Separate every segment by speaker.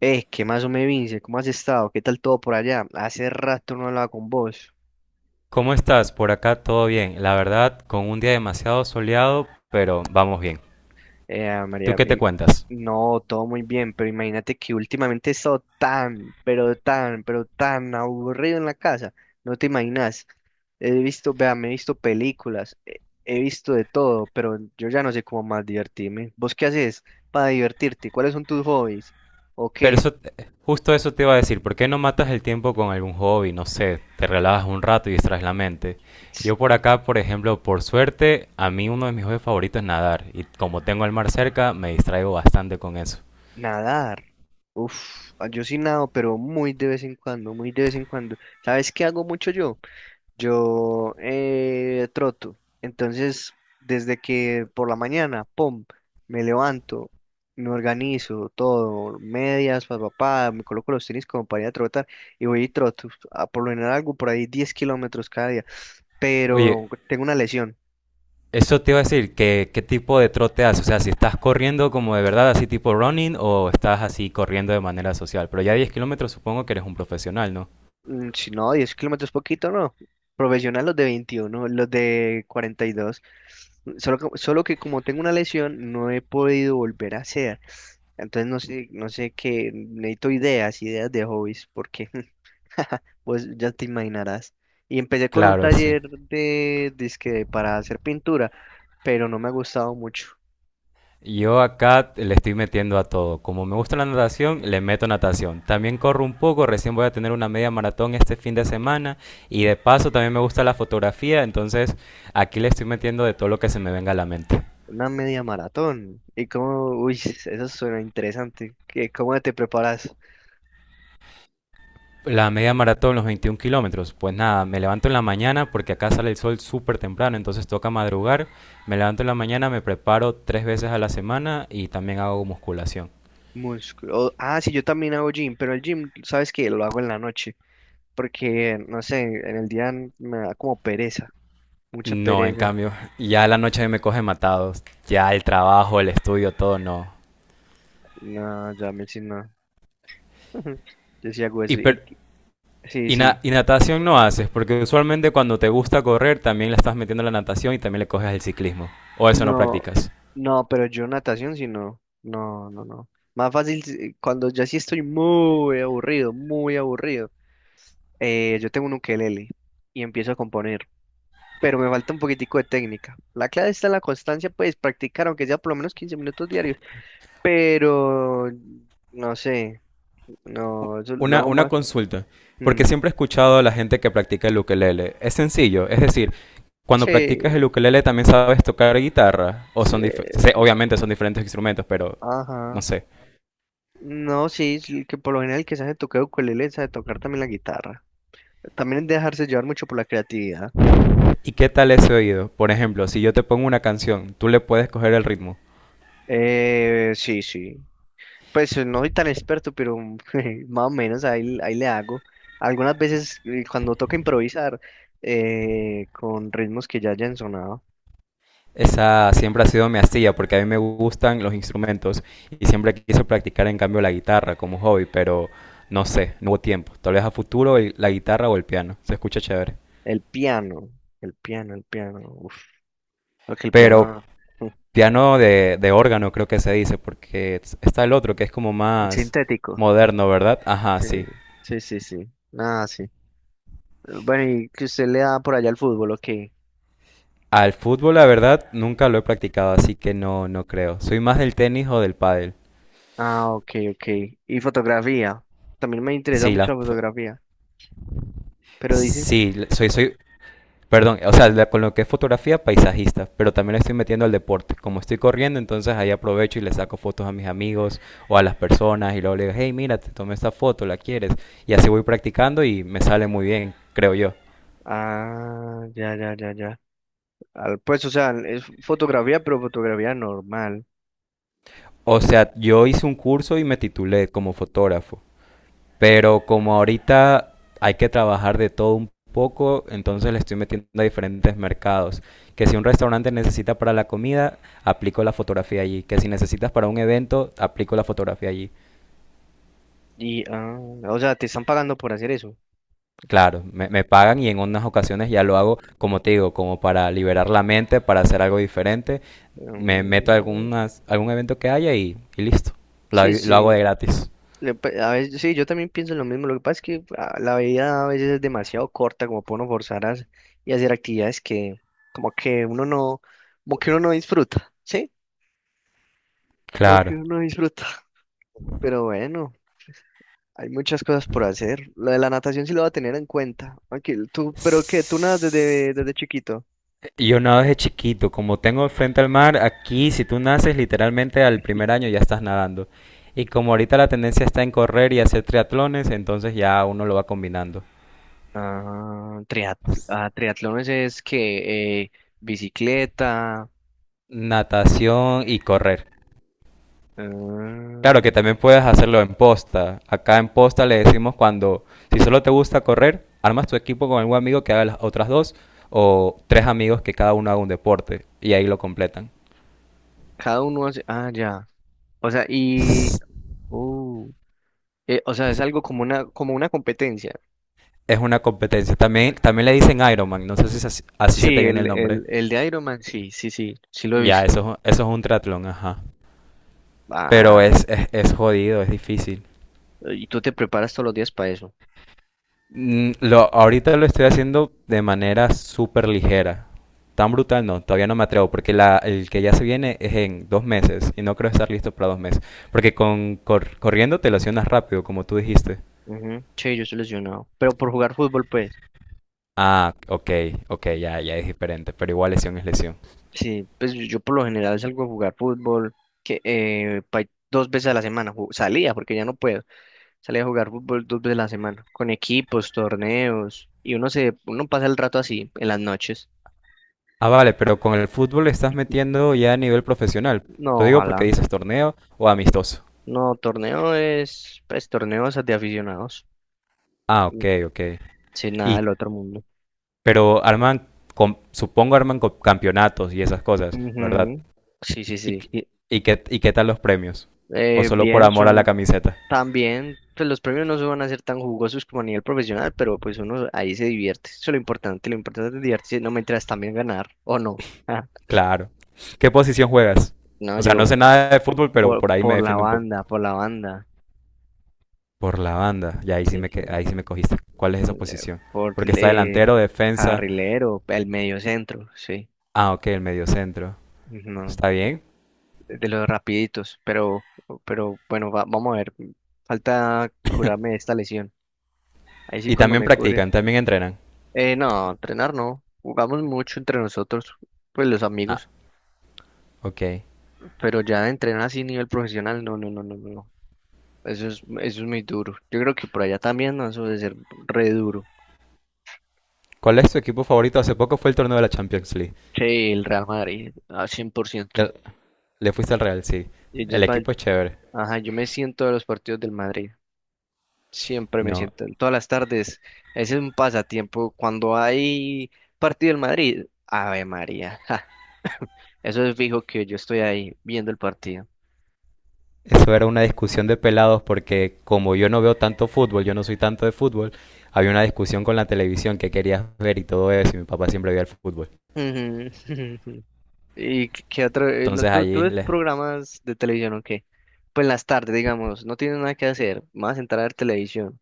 Speaker 1: ¿Qué más o me Vince? ¿Cómo has estado? ¿Qué tal todo por allá? Hace rato no hablaba con vos.
Speaker 2: ¿Cómo estás? Por acá todo bien. La verdad, con un día demasiado soleado, pero vamos bien.
Speaker 1: Eh,
Speaker 2: ¿Tú
Speaker 1: María,
Speaker 2: qué te
Speaker 1: im-
Speaker 2: cuentas?
Speaker 1: no, todo muy bien, pero imagínate que últimamente he estado tan, pero tan, pero tan aburrido en la casa. No te imaginas. He visto, vea, me he visto películas, he visto de todo, pero yo ya no sé cómo más divertirme. ¿Vos qué haces para divertirte? ¿Cuáles son tus hobbies? ¿O
Speaker 2: Pero
Speaker 1: qué?
Speaker 2: eso, justo eso te iba a decir. ¿Por qué no matas el tiempo con algún hobby? No sé, te relajas un rato y distraes la mente. Yo por acá, por ejemplo, por suerte, a mí uno de mis hobbies favoritos es nadar. Y como tengo el mar cerca, me distraigo bastante con eso.
Speaker 1: Nadar. Yo sí nado, pero muy de vez en cuando, muy de vez en cuando. ¿Sabes qué hago mucho yo? Yo troto. Entonces, desde que por la mañana, pum, me levanto, me organizo todo, medias, papá, me coloco los tenis como para ir a trotar y voy y troto. A por lo general algo por ahí 10 kilómetros cada día,
Speaker 2: Oye,
Speaker 1: pero tengo una lesión.
Speaker 2: eso te iba a decir, ¿qué tipo de trote haces? O sea, si estás corriendo como de verdad, así tipo running, o estás así corriendo de manera social. Pero ya 10 km supongo que eres un profesional, ¿no?
Speaker 1: Si no, 10 kilómetros poquito, no. Profesional los de 21 los de 42. Solo que como tengo una lesión, no he podido volver a hacer. Entonces no sé, no sé qué, necesito ideas, ideas de hobbies, porque pues ya te imaginarás. Y empecé con un
Speaker 2: Claro, sí.
Speaker 1: taller de, dizque para hacer pintura, pero no me ha gustado mucho.
Speaker 2: Yo acá le estoy metiendo a todo. Como me gusta la natación, le meto natación. También corro un poco, recién voy a tener una media maratón este fin de semana. Y de paso también me gusta la fotografía, entonces aquí le estoy metiendo de todo lo que se me venga a la mente.
Speaker 1: Una media maratón. Y como, uy, eso suena interesante. ¿Cómo te preparas?
Speaker 2: La media maratón, los 21 km. Pues nada, me levanto en la mañana porque acá sale el sol súper temprano, entonces toca madrugar. Me levanto en la mañana, me preparo tres veces a la semana y también hago musculación.
Speaker 1: Músculo. Sí, yo también hago gym, pero el gym, sabes que lo hago en la noche, porque, no sé, en el día me da como pereza, mucha
Speaker 2: No, en
Speaker 1: pereza.
Speaker 2: cambio, ya la noche me coge matado. Ya el trabajo, el estudio, todo no.
Speaker 1: No, ya me si no. Yo sí hago
Speaker 2: Y,
Speaker 1: eso.
Speaker 2: per-
Speaker 1: Sí,
Speaker 2: y, na-
Speaker 1: sí.
Speaker 2: y natación no haces, porque usualmente cuando te gusta correr también le estás metiendo la natación y también le coges el ciclismo. O eso no
Speaker 1: No,
Speaker 2: practicas.
Speaker 1: no, pero yo natación sí no. No, no, no. Más fácil si- cuando ya sí estoy muy aburrido, muy aburrido. Yo tengo un ukelele y empiezo a componer, pero me falta un poquitico de técnica. La clave está en la constancia, pues practicar, aunque sea por lo menos 15 minutos diarios, pero no sé, no, eso lo
Speaker 2: Una,
Speaker 1: hago
Speaker 2: una
Speaker 1: más.
Speaker 2: consulta, porque
Speaker 1: mm,
Speaker 2: siempre he escuchado a la gente que practica el ukelele. Es sencillo, es decir, cuando practicas el
Speaker 1: sí,
Speaker 2: ukelele también sabes tocar guitarra o
Speaker 1: sí,
Speaker 2: obviamente son diferentes instrumentos, pero no
Speaker 1: ajá.
Speaker 2: sé.
Speaker 1: No, sí, es el que por lo general el que sabe tocar ukulele sabe tocar también la guitarra. También es dejarse llevar mucho por la creatividad.
Speaker 2: ¿Y qué tal ese oído? Por ejemplo, si yo te pongo una canción, tú le puedes coger el ritmo.
Speaker 1: Sí, sí. Pues no soy tan experto, pero más o menos ahí, ahí le hago. Algunas veces cuando toca improvisar con ritmos que ya hayan sonado.
Speaker 2: Esa siempre ha sido mi astilla porque a mí me gustan los instrumentos y siempre quise practicar en cambio la guitarra como hobby, pero no sé, no hubo tiempo. Tal vez a futuro la guitarra o el piano, se escucha chévere.
Speaker 1: El piano, el piano, el piano. Uf, lo que el
Speaker 2: Pero
Speaker 1: piano.
Speaker 2: piano de órgano creo que se dice porque está el otro que es como
Speaker 1: El
Speaker 2: más
Speaker 1: sintético.
Speaker 2: moderno, ¿verdad? Ajá,
Speaker 1: Sí,
Speaker 2: sí.
Speaker 1: sí, sí, sí. Nada, sí. Bueno, y que usted le da por allá al fútbol, ok.
Speaker 2: Al fútbol, la verdad, nunca lo he practicado, así que no, no creo. Soy más del tenis o del pádel.
Speaker 1: Ah, ok, ok. Y fotografía. También me interesa
Speaker 2: Sí,
Speaker 1: mucho la fotografía. Pero dice.
Speaker 2: sí, soy, perdón, o sea, con lo que es fotografía, paisajista, pero también le estoy metiendo al deporte. Como estoy corriendo, entonces ahí aprovecho y le saco fotos a mis amigos o a las personas y luego le digo, hey, mira, te tomé esta foto, ¿la quieres? Y así voy practicando y me sale muy bien, creo yo.
Speaker 1: Ah, ya, ya, ya, ya. Pues, o sea, es fotografía, pero fotografía normal.
Speaker 2: O sea, yo hice un curso y me titulé como fotógrafo. Pero como ahorita hay que trabajar de todo un poco, entonces le estoy metiendo a diferentes mercados. Que si un restaurante necesita para la comida, aplico la fotografía allí. Que si necesitas para un evento, aplico la fotografía allí.
Speaker 1: Y, ah, o sea, te están pagando por hacer eso.
Speaker 2: Claro, me pagan y en unas ocasiones ya lo hago, como te digo, como para liberar la mente, para hacer algo diferente. Me meto a
Speaker 1: Mm,
Speaker 2: algún evento que haya y listo. Lo,
Speaker 1: sí,
Speaker 2: lo hago
Speaker 1: sí.
Speaker 2: de gratis.
Speaker 1: A veces, sí, yo también pienso lo mismo. Lo que pasa es que la vida a veces es demasiado corta como para uno forzar y hacer actividades que como que uno no, como que uno no disfruta, ¿sí? Como que
Speaker 2: Claro.
Speaker 1: uno no disfruta. Pero bueno, hay muchas cosas por hacer. Lo de la natación sí lo va a tener en cuenta. Aquí, tú, pero que tú nadas desde, desde chiquito.
Speaker 2: Yo nado desde chiquito, como tengo frente al mar, aquí si tú naces literalmente al primer año ya estás nadando. Y como ahorita la tendencia está en correr y hacer triatlones, entonces ya uno lo va combinando.
Speaker 1: Ah, triat ah, triatlones es que bicicleta.
Speaker 2: Natación y correr. Claro que
Speaker 1: Ah,
Speaker 2: también puedes hacerlo en posta. Acá en posta le decimos cuando, si solo te gusta correr, armas tu equipo con algún amigo que haga las otras dos o tres amigos que cada uno haga un deporte y ahí lo completan.
Speaker 1: cada uno hace. Ah, ya. O sea, y. Uh, o sea, es algo como una competencia.
Speaker 2: Es una competencia. También le dicen Ironman, no sé si es así, así se te
Speaker 1: Sí,
Speaker 2: viene el nombre.
Speaker 1: el de Iron Man, sí, sí, sí, sí lo he
Speaker 2: Ya,
Speaker 1: visto.
Speaker 2: eso, eso es un triatlón, ajá. Pero
Speaker 1: Ah,
Speaker 2: es jodido, es difícil.
Speaker 1: y tú te preparas todos los días para eso.
Speaker 2: Ahorita lo estoy haciendo de manera súper ligera. Tan brutal no, todavía no me atrevo, porque el que ya se viene es en 2 meses y no creo estar listo para 2 meses. Porque con corriendo te lesionas rápido, como tú dijiste.
Speaker 1: Ujú. Che, yo estoy lesionado. Pero por jugar fútbol, pues.
Speaker 2: Ah, ok, ok, ya, ya es diferente, pero igual lesión es lesión.
Speaker 1: Sí, pues yo por lo general salgo a jugar fútbol que 2 veces a la semana. Salía, porque ya no puedo. Salía a jugar fútbol 2 veces a la semana. Con equipos, torneos. Y uno se, uno pasa el rato así, en las noches.
Speaker 2: Ah, vale, pero con el fútbol le estás metiendo ya a nivel profesional. Lo
Speaker 1: No,
Speaker 2: digo porque
Speaker 1: ojalá.
Speaker 2: dices torneo o amistoso.
Speaker 1: No, torneo es, pues, torneos de aficionados.
Speaker 2: Ah, ok, ok.
Speaker 1: Sin nada
Speaker 2: Y,
Speaker 1: del otro mundo.
Speaker 2: pero supongo arman campeonatos y esas cosas, ¿verdad?
Speaker 1: Ujú. Sí, sí,
Speaker 2: ¿Y,
Speaker 1: sí.
Speaker 2: qué- y qué tal los premios? ¿O solo por
Speaker 1: Bien,
Speaker 2: amor a la
Speaker 1: son
Speaker 2: camiseta?
Speaker 1: también, pues los premios no se van a ser tan jugosos como a nivel profesional, pero pues uno ahí se divierte. Eso es lo importante es divertirse, no me mientras también ganar, o no. Ah,
Speaker 2: Claro. ¿Qué posición juegas?
Speaker 1: no,
Speaker 2: O sea, no
Speaker 1: yo
Speaker 2: sé nada de fútbol, pero por ahí me
Speaker 1: por la
Speaker 2: defiendo un
Speaker 1: banda,
Speaker 2: poco.
Speaker 1: por la banda.
Speaker 2: Por la banda. Y
Speaker 1: Sí, sí.
Speaker 2: ahí sí me cogiste. ¿Cuál es esa
Speaker 1: Mm,
Speaker 2: posición?
Speaker 1: Por
Speaker 2: Porque está delantero, defensa.
Speaker 1: carrilero, el medio centro, sí.
Speaker 2: Ah, ok, el mediocentro.
Speaker 1: No,
Speaker 2: Está bien.
Speaker 1: de los rapiditos, pero bueno, vamos a ver. Falta curarme de esta lesión. Ahí sí
Speaker 2: Y
Speaker 1: cuando
Speaker 2: también
Speaker 1: me cure.
Speaker 2: practican, también entrenan.
Speaker 1: No, entrenar no. Jugamos mucho entre nosotros, pues los
Speaker 2: Ah,
Speaker 1: amigos.
Speaker 2: ok.
Speaker 1: Pero ya entrenar así a nivel profesional, no, no, no, no, no, no. Eso es, eso es muy duro. Yo creo que por allá también, ¿no? Eso debe ser re duro.
Speaker 2: ¿Cuál es tu equipo favorito? Hace poco fue el torneo de la Champions League.
Speaker 1: Sí, el Real Madrid, a cien por
Speaker 2: Le,
Speaker 1: ciento.
Speaker 2: le fuiste al Real, sí.
Speaker 1: Y
Speaker 2: El
Speaker 1: ellos van,
Speaker 2: equipo es chévere.
Speaker 1: ajá, yo me siento de los partidos del Madrid. Siempre me
Speaker 2: No,
Speaker 1: siento, en todas las tardes. Ese es un pasatiempo. Cuando hay partido del Madrid, Ave María. Ja, eso es fijo que yo estoy ahí viendo el partido.
Speaker 2: eso era una discusión de pelados porque como yo no veo tanto fútbol, yo no soy tanto de fútbol, había una discusión con la televisión que querías ver y todo eso, y mi papá siempre veía el fútbol.
Speaker 1: Ujú. ¿Y qué qué otro? No,
Speaker 2: Entonces
Speaker 1: ¿tú, tú
Speaker 2: allí
Speaker 1: ves
Speaker 2: les.
Speaker 1: programas de televisión o qué? Pues en las tardes, digamos, no tienes nada que hacer, más entrar a ver televisión.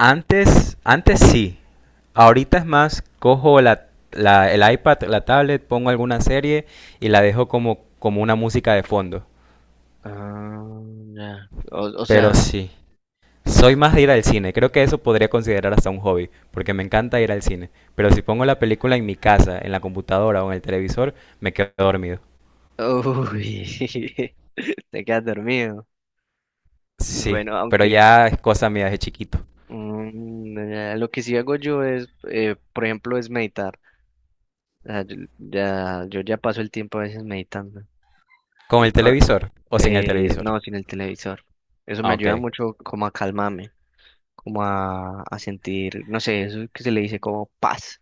Speaker 2: Antes
Speaker 1: O-
Speaker 2: sí. Ahorita es más, cojo el iPad, la tablet, pongo alguna serie y la dejo como, como una música de fondo.
Speaker 1: ah, ya. O
Speaker 2: Pero
Speaker 1: sea,
Speaker 2: sí, soy más de ir al cine. Creo que eso podría considerar hasta un hobby, porque me encanta ir al cine. Pero si pongo la película en mi casa, en la computadora o en el televisor, me quedo dormido.
Speaker 1: uy, te quedas dormido.
Speaker 2: Sí,
Speaker 1: Bueno,
Speaker 2: pero
Speaker 1: aunque
Speaker 2: ya es cosa mía de chiquito.
Speaker 1: ya, lo que sí hago yo es, por ejemplo, es meditar. O sea, yo, ya, yo ya paso el tiempo a veces meditando.
Speaker 2: ¿Con
Speaker 1: Y
Speaker 2: el
Speaker 1: cua-
Speaker 2: televisor o sin el televisor?
Speaker 1: no, sin el televisor. Eso me
Speaker 2: Ah, ok,
Speaker 1: ayuda mucho como a calmarme. Como a sentir, no sé, eso que se le dice como paz,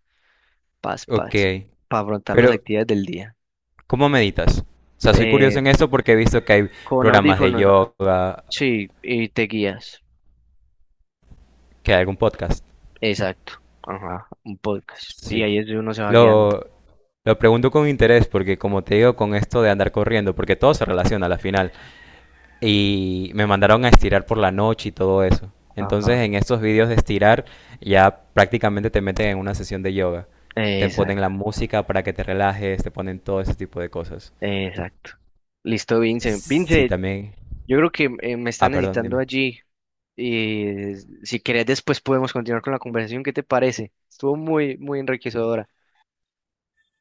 Speaker 1: paz,
Speaker 2: ok.
Speaker 1: paz, para afrontar las
Speaker 2: Pero,
Speaker 1: actividades del día.
Speaker 2: ¿cómo meditas? O sea, soy
Speaker 1: Eh,
Speaker 2: curioso en esto porque he visto que hay
Speaker 1: con
Speaker 2: programas de
Speaker 1: audífonos,
Speaker 2: yoga,
Speaker 1: sí, y te guías,
Speaker 2: que hay algún podcast.
Speaker 1: exacto, ajá, un podcast, y
Speaker 2: Sí,
Speaker 1: ahí es donde uno se va guiando,
Speaker 2: lo, lo pregunto con interés porque, como te digo, con esto de andar corriendo, porque todo se relaciona a la final. Y me mandaron a estirar por la noche y todo eso. Entonces
Speaker 1: ajá,
Speaker 2: en estos vídeos de estirar ya prácticamente te meten en una sesión de yoga. Te ponen
Speaker 1: exacto,
Speaker 2: la música para que te relajes, te ponen todo ese tipo de cosas.
Speaker 1: exacto. Listo, Vince.
Speaker 2: Sí,
Speaker 1: Vince,
Speaker 2: también.
Speaker 1: yo creo que me están
Speaker 2: Ah, perdón,
Speaker 1: necesitando
Speaker 2: dime.
Speaker 1: allí, y eh, si querés después podemos continuar con la conversación, ¿qué te parece? Estuvo muy, muy enriquecedora.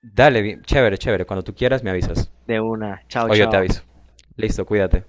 Speaker 2: Dale, bien, chévere, chévere. Cuando tú quieras me avisas.
Speaker 1: De una, chao,
Speaker 2: O yo te
Speaker 1: chao.
Speaker 2: aviso. Listo, cuídate.